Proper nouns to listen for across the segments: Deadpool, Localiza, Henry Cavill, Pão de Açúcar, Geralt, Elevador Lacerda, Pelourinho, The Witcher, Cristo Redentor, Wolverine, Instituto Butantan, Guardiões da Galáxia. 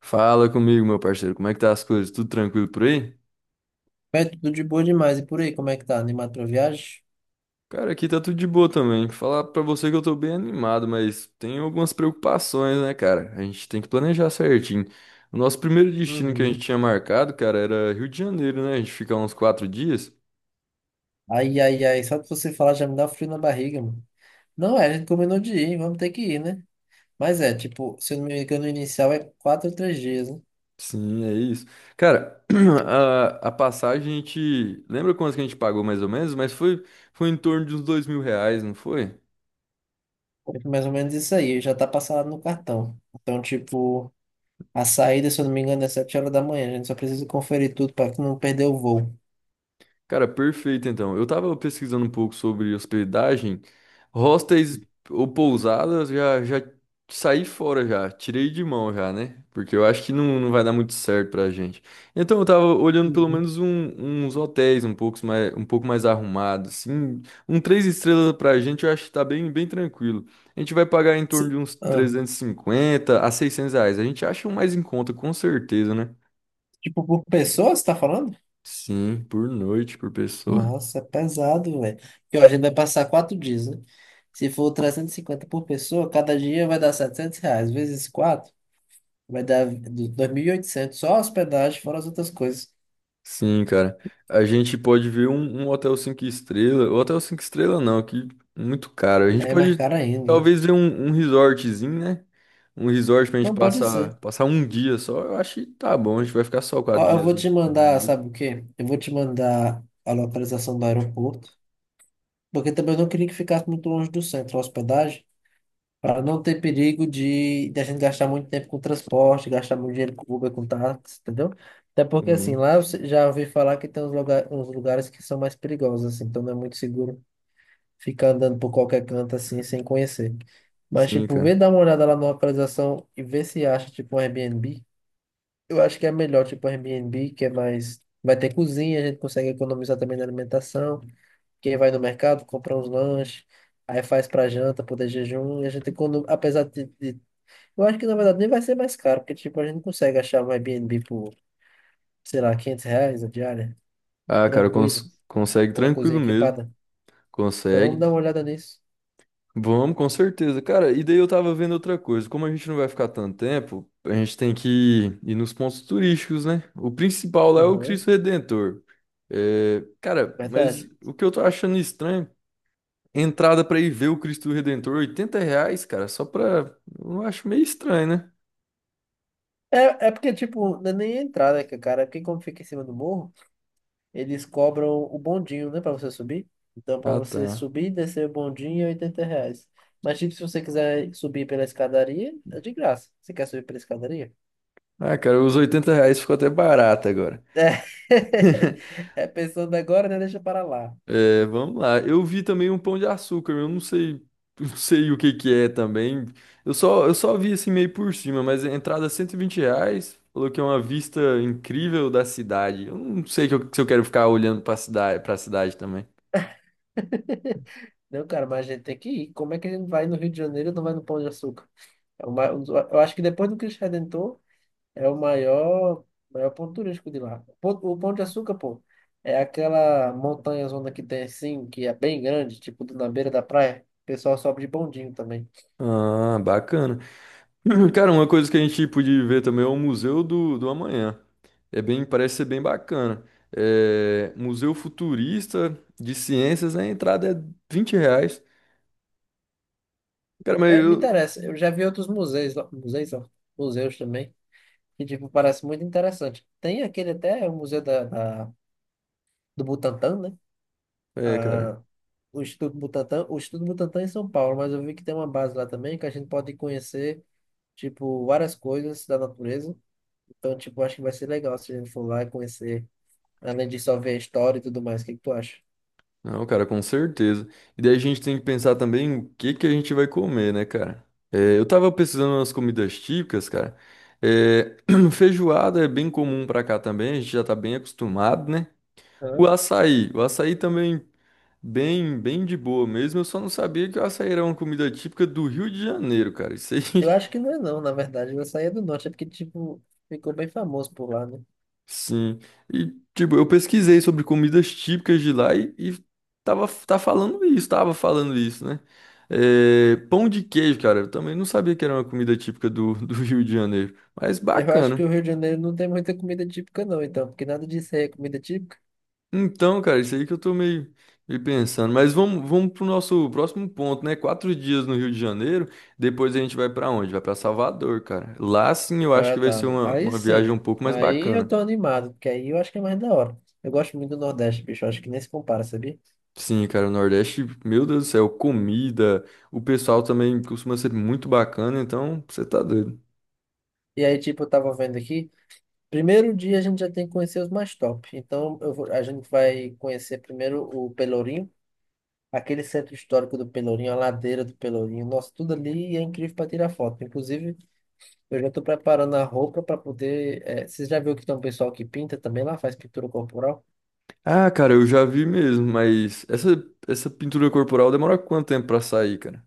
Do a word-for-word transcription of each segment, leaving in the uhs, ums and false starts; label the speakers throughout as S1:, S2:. S1: Fala comigo, meu parceiro. Como é que tá as coisas? Tudo tranquilo por aí?
S2: É tudo de boa demais. E por aí, como é que tá? Animado pra viagem?
S1: Cara, aqui tá tudo de boa também. Falar pra você que eu tô bem animado, mas tem algumas preocupações, né, cara? A gente tem que planejar certinho. O nosso primeiro destino que a gente
S2: Uhum.
S1: tinha marcado, cara, era Rio de Janeiro, né? A gente fica uns quatro dias.
S2: Ai, ai, ai. Só de você falar já me dá um frio na barriga, mano. Não é, a gente combinou de ir, vamos ter que ir, né? Mas é, tipo, se eu não me engano, o inicial é quatro ou três dias, né?
S1: Sim, é isso. Cara, a, a passagem a gente. Lembra quanto que a gente pagou mais ou menos? Mas foi, foi em torno de uns dois mil reais, não foi?
S2: É mais ou menos isso aí, já tá passado no cartão. Então, tipo, a saída, se eu não me engano, é sete horas da manhã. A gente só precisa conferir tudo pra não perder o voo.
S1: Cara, perfeito então. Eu tava pesquisando um pouco sobre hospedagem, hostels ou pousadas, já, já saí fora já, tirei de mão já, né? Porque eu acho que não, não vai dar muito certo pra gente. Então eu tava olhando pelo
S2: Uhum.
S1: menos um- uns hotéis um pouco mais, um pouco mais arrumados, assim, um três estrelas pra gente, eu acho que tá bem, bem tranquilo. A gente vai pagar em torno
S2: Se-
S1: de uns
S2: ah,
S1: trezentos e cinquenta a seiscentos reais. A gente acha um mais em conta, com certeza, né?
S2: tipo, por pessoa, você tá falando?
S1: Sim, por noite, por pessoa.
S2: Nossa, é pesado, velho. Porque ó, a gente vai passar quatro dias, né? Se for trezentos e cinquenta por pessoa, cada dia vai dar setecentos reais. Vezes quatro, vai dar do- dois mil e oitocentos. Só a hospedagem, fora as outras coisas.
S1: Sim, cara. A gente pode ver um, um hotel cinco estrelas. Hotel cinco estrelas não, que muito caro. A gente
S2: Aí é mais
S1: pode
S2: caro ainda, né?
S1: talvez ver um, um resortzinho, né? Um resort pra gente
S2: Não pode ser.
S1: passar, passar um dia só. Eu acho que tá bom. A gente vai ficar só
S2: Ó,
S1: quatro
S2: eu
S1: dias,
S2: vou
S1: né?
S2: te
S1: No Rio
S2: mandar,
S1: mesmo.
S2: sabe o quê? Eu vou te mandar a localização do aeroporto. Porque também eu não queria que ficasse muito longe do centro a hospedagem. Para não ter perigo de, de a gente gastar muito tempo com transporte, gastar muito dinheiro com Uber, com táxi, entendeu? Até porque, assim,
S1: Sim,
S2: lá eu se- já ouvi falar que tem uns, lugar, uns lugares que são mais perigosos, assim, então não é muito seguro ficar andando por qualquer canto, assim, sem conhecer. Mas,
S1: sim,
S2: tipo, vê
S1: cara.
S2: dar uma olhada lá na localização e vê se acha, tipo, um Airbnb. Eu acho que é melhor, tipo, um Airbnb, que é mais... Vai ter cozinha, a gente consegue economizar também na alimentação. Quem vai no mercado, compra uns lanches. Aí faz pra janta, poder jejum, e a gente, econo- apesar de, de eu acho que na verdade nem vai ser mais caro, porque tipo, a gente consegue achar um Airbnb por, sei lá, quinhentos reais a diária,
S1: Ah, cara,
S2: tranquilo,
S1: cons- consegue
S2: com a cozinha
S1: tranquilo mesmo.
S2: equipada. Então vamos
S1: Consegue.
S2: dar uma olhada nisso.
S1: Vamos, com certeza. Cara, e daí eu tava vendo outra coisa. Como a gente não vai ficar tanto tempo, a gente tem que ir, nos pontos turísticos, né? O principal lá é o
S2: Aham,
S1: Cristo Redentor. É, cara, mas
S2: verdade.
S1: o que eu tô achando estranho, entrada pra ir ver o Cristo Redentor, oitenta reais, cara, só pra. Eu acho meio estranho, né?
S2: É, é porque, tipo, não é nem a entrada, que, cara, porque como fica em cima do morro, eles cobram o bondinho, né, pra você subir. Então, pra
S1: Ah,
S2: você
S1: tá.
S2: subir e descer o bondinho é oitenta reais. Mas, tipo, se você quiser subir pela escadaria, é de graça. Você quer subir pela escadaria?
S1: Ah, cara, os oitenta reais ficou até barato agora.
S2: É, é pensando agora, né, deixa para lá.
S1: É, vamos lá. Eu vi também um Pão de Açúcar, eu não sei, não sei o que que é também. Eu só, eu só vi assim meio por cima, mas a entrada é cento e vinte reais, falou que é uma vista incrível da cidade. Eu não sei que eu- se eu quero ficar olhando pra cidade, pra cidade também.
S2: Não, cara, mas a gente tem que ir. Como é que a gente vai no Rio de Janeiro e não vai no Pão de Açúcar? É o ma- um dos- Eu acho que depois do Cristo Redentor é o maior, maior ponto turístico de lá. O Pão O Pão de Açúcar, pô, é aquela montanha zona que tem assim, que é bem grande, tipo na beira da praia. O pessoal sobe de bondinho também.
S1: Ah, bacana. Cara, uma coisa que a gente podia ver também é o Museu do, do Amanhã. É bem, parece ser bem bacana. É, Museu Futurista de Ciências, a entrada é vinte reais. Cara, mas
S2: É, me
S1: eu.
S2: interessa. Eu já vi outros museus, lá- museus, ó, museus também, que tipo, parece muito interessante. Tem aquele até, o Museu da, da- do Butantã, né?
S1: É, cara.
S2: Ah, o Instituto Butantan, o Instituto Butantan é em São Paulo, mas eu vi que tem uma base lá também que a gente pode conhecer, tipo, várias coisas da natureza. Então, tipo, acho que vai ser legal se a gente for lá e conhecer, além de só ver a história e tudo mais. O que que tu acha?
S1: Não, cara, com certeza. E daí a gente tem que pensar também o que que a gente vai comer, né, cara? É, eu tava pesquisando umas comidas típicas, cara. É, feijoada é bem comum pra cá também, a gente já tá bem acostumado, né? O
S2: Hã?
S1: açaí, o açaí também bem, bem de boa mesmo. Eu só não sabia que o açaí era uma comida típica do Rio de Janeiro, cara. Isso
S2: Eu
S1: aí.
S2: acho que não é não, na verdade, eu saía do norte, é porque, tipo, ficou bem famoso por lá, né?
S1: Sim. E, tipo, eu pesquisei sobre comidas típicas de lá e, e tava, tá falando isso, tava falando isso, né? É, pão de queijo, cara, eu também não sabia que era uma comida típica do, do Rio de Janeiro, mas
S2: Eu acho que o
S1: bacana.
S2: Rio de Janeiro não tem muita comida típica não, então, porque nada disso aí é comida típica.
S1: Então, cara, isso aí que eu tô meio, meio pensando. Mas vamos, vamos pro nosso próximo ponto, né? Quatro dias no Rio de Janeiro, depois a gente vai pra onde? Vai pra Salvador, cara. Lá sim eu acho
S2: Ah,
S1: que vai ser
S2: tá.
S1: uma,
S2: Aí
S1: uma viagem um
S2: sim,
S1: pouco mais
S2: aí eu
S1: bacana.
S2: tô animado, porque aí eu acho que é mais da hora. Eu gosto muito do Nordeste, bicho, eu acho que nem se compara, sabia?
S1: Sim, cara, o Nordeste, meu Deus do céu, comida, o pessoal também costuma ser muito bacana, então você tá doido.
S2: E aí, tipo, eu tava vendo aqui. Primeiro dia a gente já tem que conhecer os mais top. Então, eu vou- a gente vai conhecer primeiro o Pelourinho, aquele centro histórico do Pelourinho, a ladeira do Pelourinho. Nossa, tudo ali é incrível para tirar foto. Inclusive, eu já tô preparando a roupa para poder. eh, vocês já viram que tem um pessoal que pinta também lá, faz pintura corporal?
S1: Ah, cara, eu já vi mesmo, mas essa, essa pintura corporal demora quanto tempo pra sair, cara?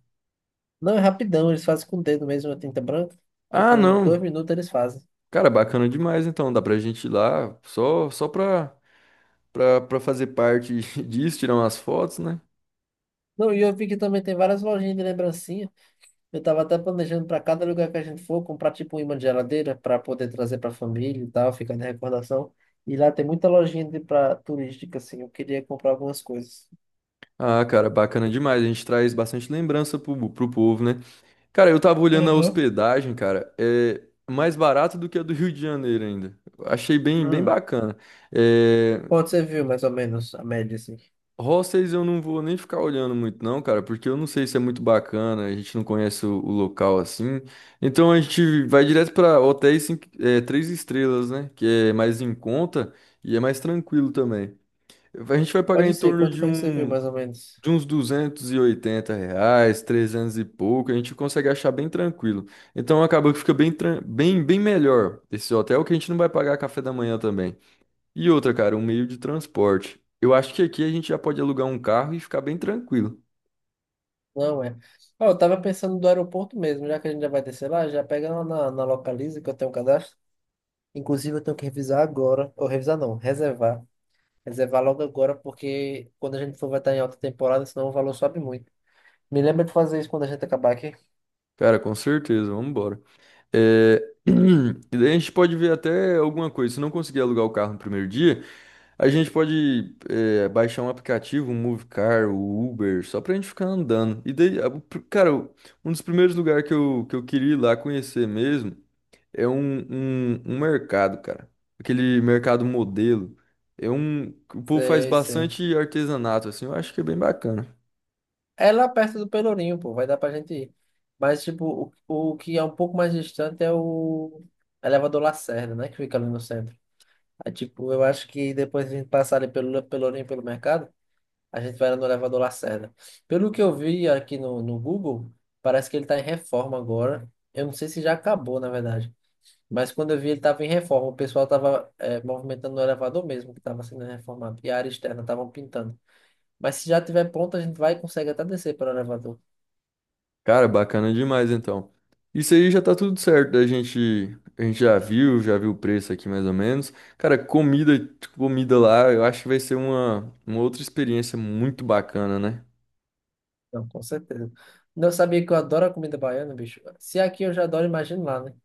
S2: Não, é rapidão, eles fazem com o dedo mesmo, a tinta branca.
S1: Ah,
S2: Tipo, em dois
S1: não.
S2: minutos eles fazem.
S1: Cara, bacana demais, então dá pra gente ir lá só só pra, pra, pra fazer parte disso, tirar umas fotos, né?
S2: Não, e eu vi que também tem várias lojinhas de lembrancinha. Eu tava até planejando para cada lugar que a gente for comprar tipo um imã de geladeira para poder trazer para a família e tal, ficar na recordação. E lá tem muita lojinha de pra turística assim. Eu queria comprar algumas coisas.
S1: Ah, cara, bacana demais. A gente traz bastante lembrança pro, pro povo, né? Cara, eu tava olhando a
S2: Aham.
S1: hospedagem, cara, é mais barato do que a do Rio de Janeiro ainda. Achei bem, bem
S2: Hum,
S1: bacana. É,
S2: quanto você viu mais ou menos a média assim?
S1: hostels eu não vou nem ficar olhando muito não, cara, porque eu não sei se é muito bacana, a gente não conhece o, o local assim. Então a gente vai direto pra hotéis cinco- é, três estrelas, né, que é mais em conta e é mais tranquilo também. A gente vai pagar
S2: Pode
S1: em
S2: ser,
S1: torno
S2: quanto
S1: de
S2: foi que você viu
S1: um
S2: mais ou menos?
S1: de uns duzentos e oitenta reais, trezentos e pouco, a gente consegue achar bem tranquilo. Então acabou que fica bem, tran- bem, bem melhor esse hotel, que a gente não vai pagar café da manhã também. E outra, cara, um meio de transporte. Eu acho que aqui a gente já pode alugar um carro e ficar bem tranquilo.
S2: Não é. Ó, eu tava pensando do aeroporto mesmo, já que a gente já vai descer lá, já pega lá na, na Localiza que eu tenho um cadastro. Inclusive eu tenho que revisar agora, ou revisar não, reservar. Reservar logo agora, porque quando a gente for vai estar em alta temporada, senão o valor sobe muito. Me lembra de fazer isso quando a gente acabar aqui.
S1: Cara, com certeza, vamos embora. É, e daí a gente pode ver até alguma coisa. Se não conseguir alugar o carro no primeiro dia, a gente pode é, baixar um aplicativo, um Movecar, o Uber, só pra gente ficar andando. E daí, a- o pr- cara, o- um dos primeiros lugares que eu, que eu queria ir lá conhecer mesmo é um, um, um mercado, cara. Aquele mercado modelo. É um. O povo faz
S2: Sei, sei.
S1: bastante artesanato, assim, eu acho que é bem bacana.
S2: É lá perto do Pelourinho, pô, vai dar pra gente ir. Mas, tipo, o, o que é um pouco mais distante é o elevador Lacerda, né? Que fica ali no centro. Aí, tipo, eu acho que depois a gente passar ali pelo Le- Pelourinho, pelo mercado, a gente vai lá no elevador Lacerda. Pelo que eu vi aqui no, no Google, parece que ele tá em reforma agora. Eu não sei se já acabou, na verdade. Mas quando eu vi, ele tava em reforma. O pessoal tava eh, movimentando o elevador mesmo, que tava sendo reformado. E a área externa estavam pintando. Mas se já tiver pronto, a gente vai e consegue até descer para o elevador.
S1: Cara, bacana demais então. Isso aí já tá tudo certo. A gente, a gente já viu, já viu o preço aqui mais ou menos. Cara, comida, comida lá, eu acho que vai ser uma, uma outra experiência muito bacana, né?
S2: Não, com certeza. Não sabia que eu adoro a comida baiana, bicho. Se é aqui eu já adoro, imagina lá, né?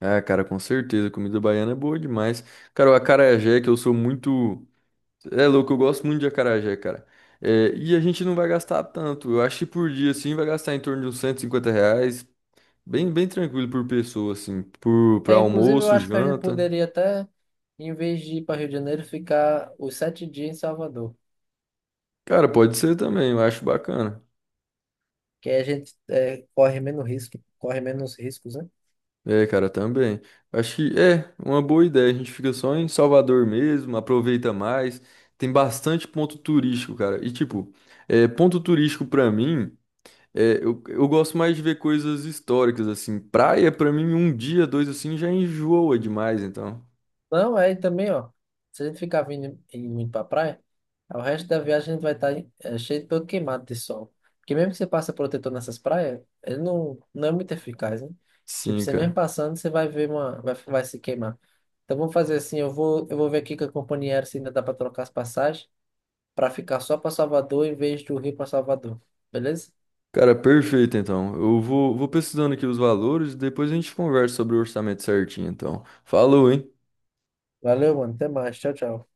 S1: Ah, cara, com certeza. Comida baiana é boa demais. Cara, o acarajé, que eu sou muito. É louco, eu gosto muito de acarajé, cara. É, e a gente não vai gastar tanto. Eu acho que por dia, assim, vai gastar em torno de uns cento e cinquenta reais. Bem, bem tranquilo por pessoa, assim. Por, pra
S2: É, inclusive, eu
S1: almoço,
S2: acho que a gente
S1: janta.
S2: poderia até, em vez de ir para Rio de Janeiro, ficar os sete dias em Salvador.
S1: Cara, pode ser também, eu acho bacana.
S2: Que aí a gente é, corre menos risco, corre menos riscos, né?
S1: É, cara, também. Acho que é uma boa ideia. A gente fica só em Salvador mesmo, aproveita mais. Tem bastante ponto turístico, cara. E, tipo, é, ponto turístico pra mim, é, eu, eu gosto mais de ver coisas históricas, assim. Praia, pra mim, um dia, dois, assim, já enjoa demais, então.
S2: Não, é também, ó. Se a gente ficar vindo indo muito pra praia, o resto da viagem a gente vai estar é, cheio de todo queimado de sol. Porque mesmo que você passe protetor nessas praias, ele não, não é muito eficaz, né? Tipo,
S1: Sim,
S2: você mesmo
S1: cara.
S2: passando, você vai ver uma. Vai, vai se queimar. Então vamos fazer assim, eu vou, eu vou ver aqui com a companhia aérea se ainda dá pra trocar as passagens pra ficar só pra Salvador em vez do Rio pra Salvador. Beleza?
S1: Cara, perfeito, então. Eu vou, vou pesquisando aqui os valores e depois a gente conversa sobre o orçamento certinho, então. Falou, hein?
S2: Valeu, mano. Até mais. Tchau, tchau.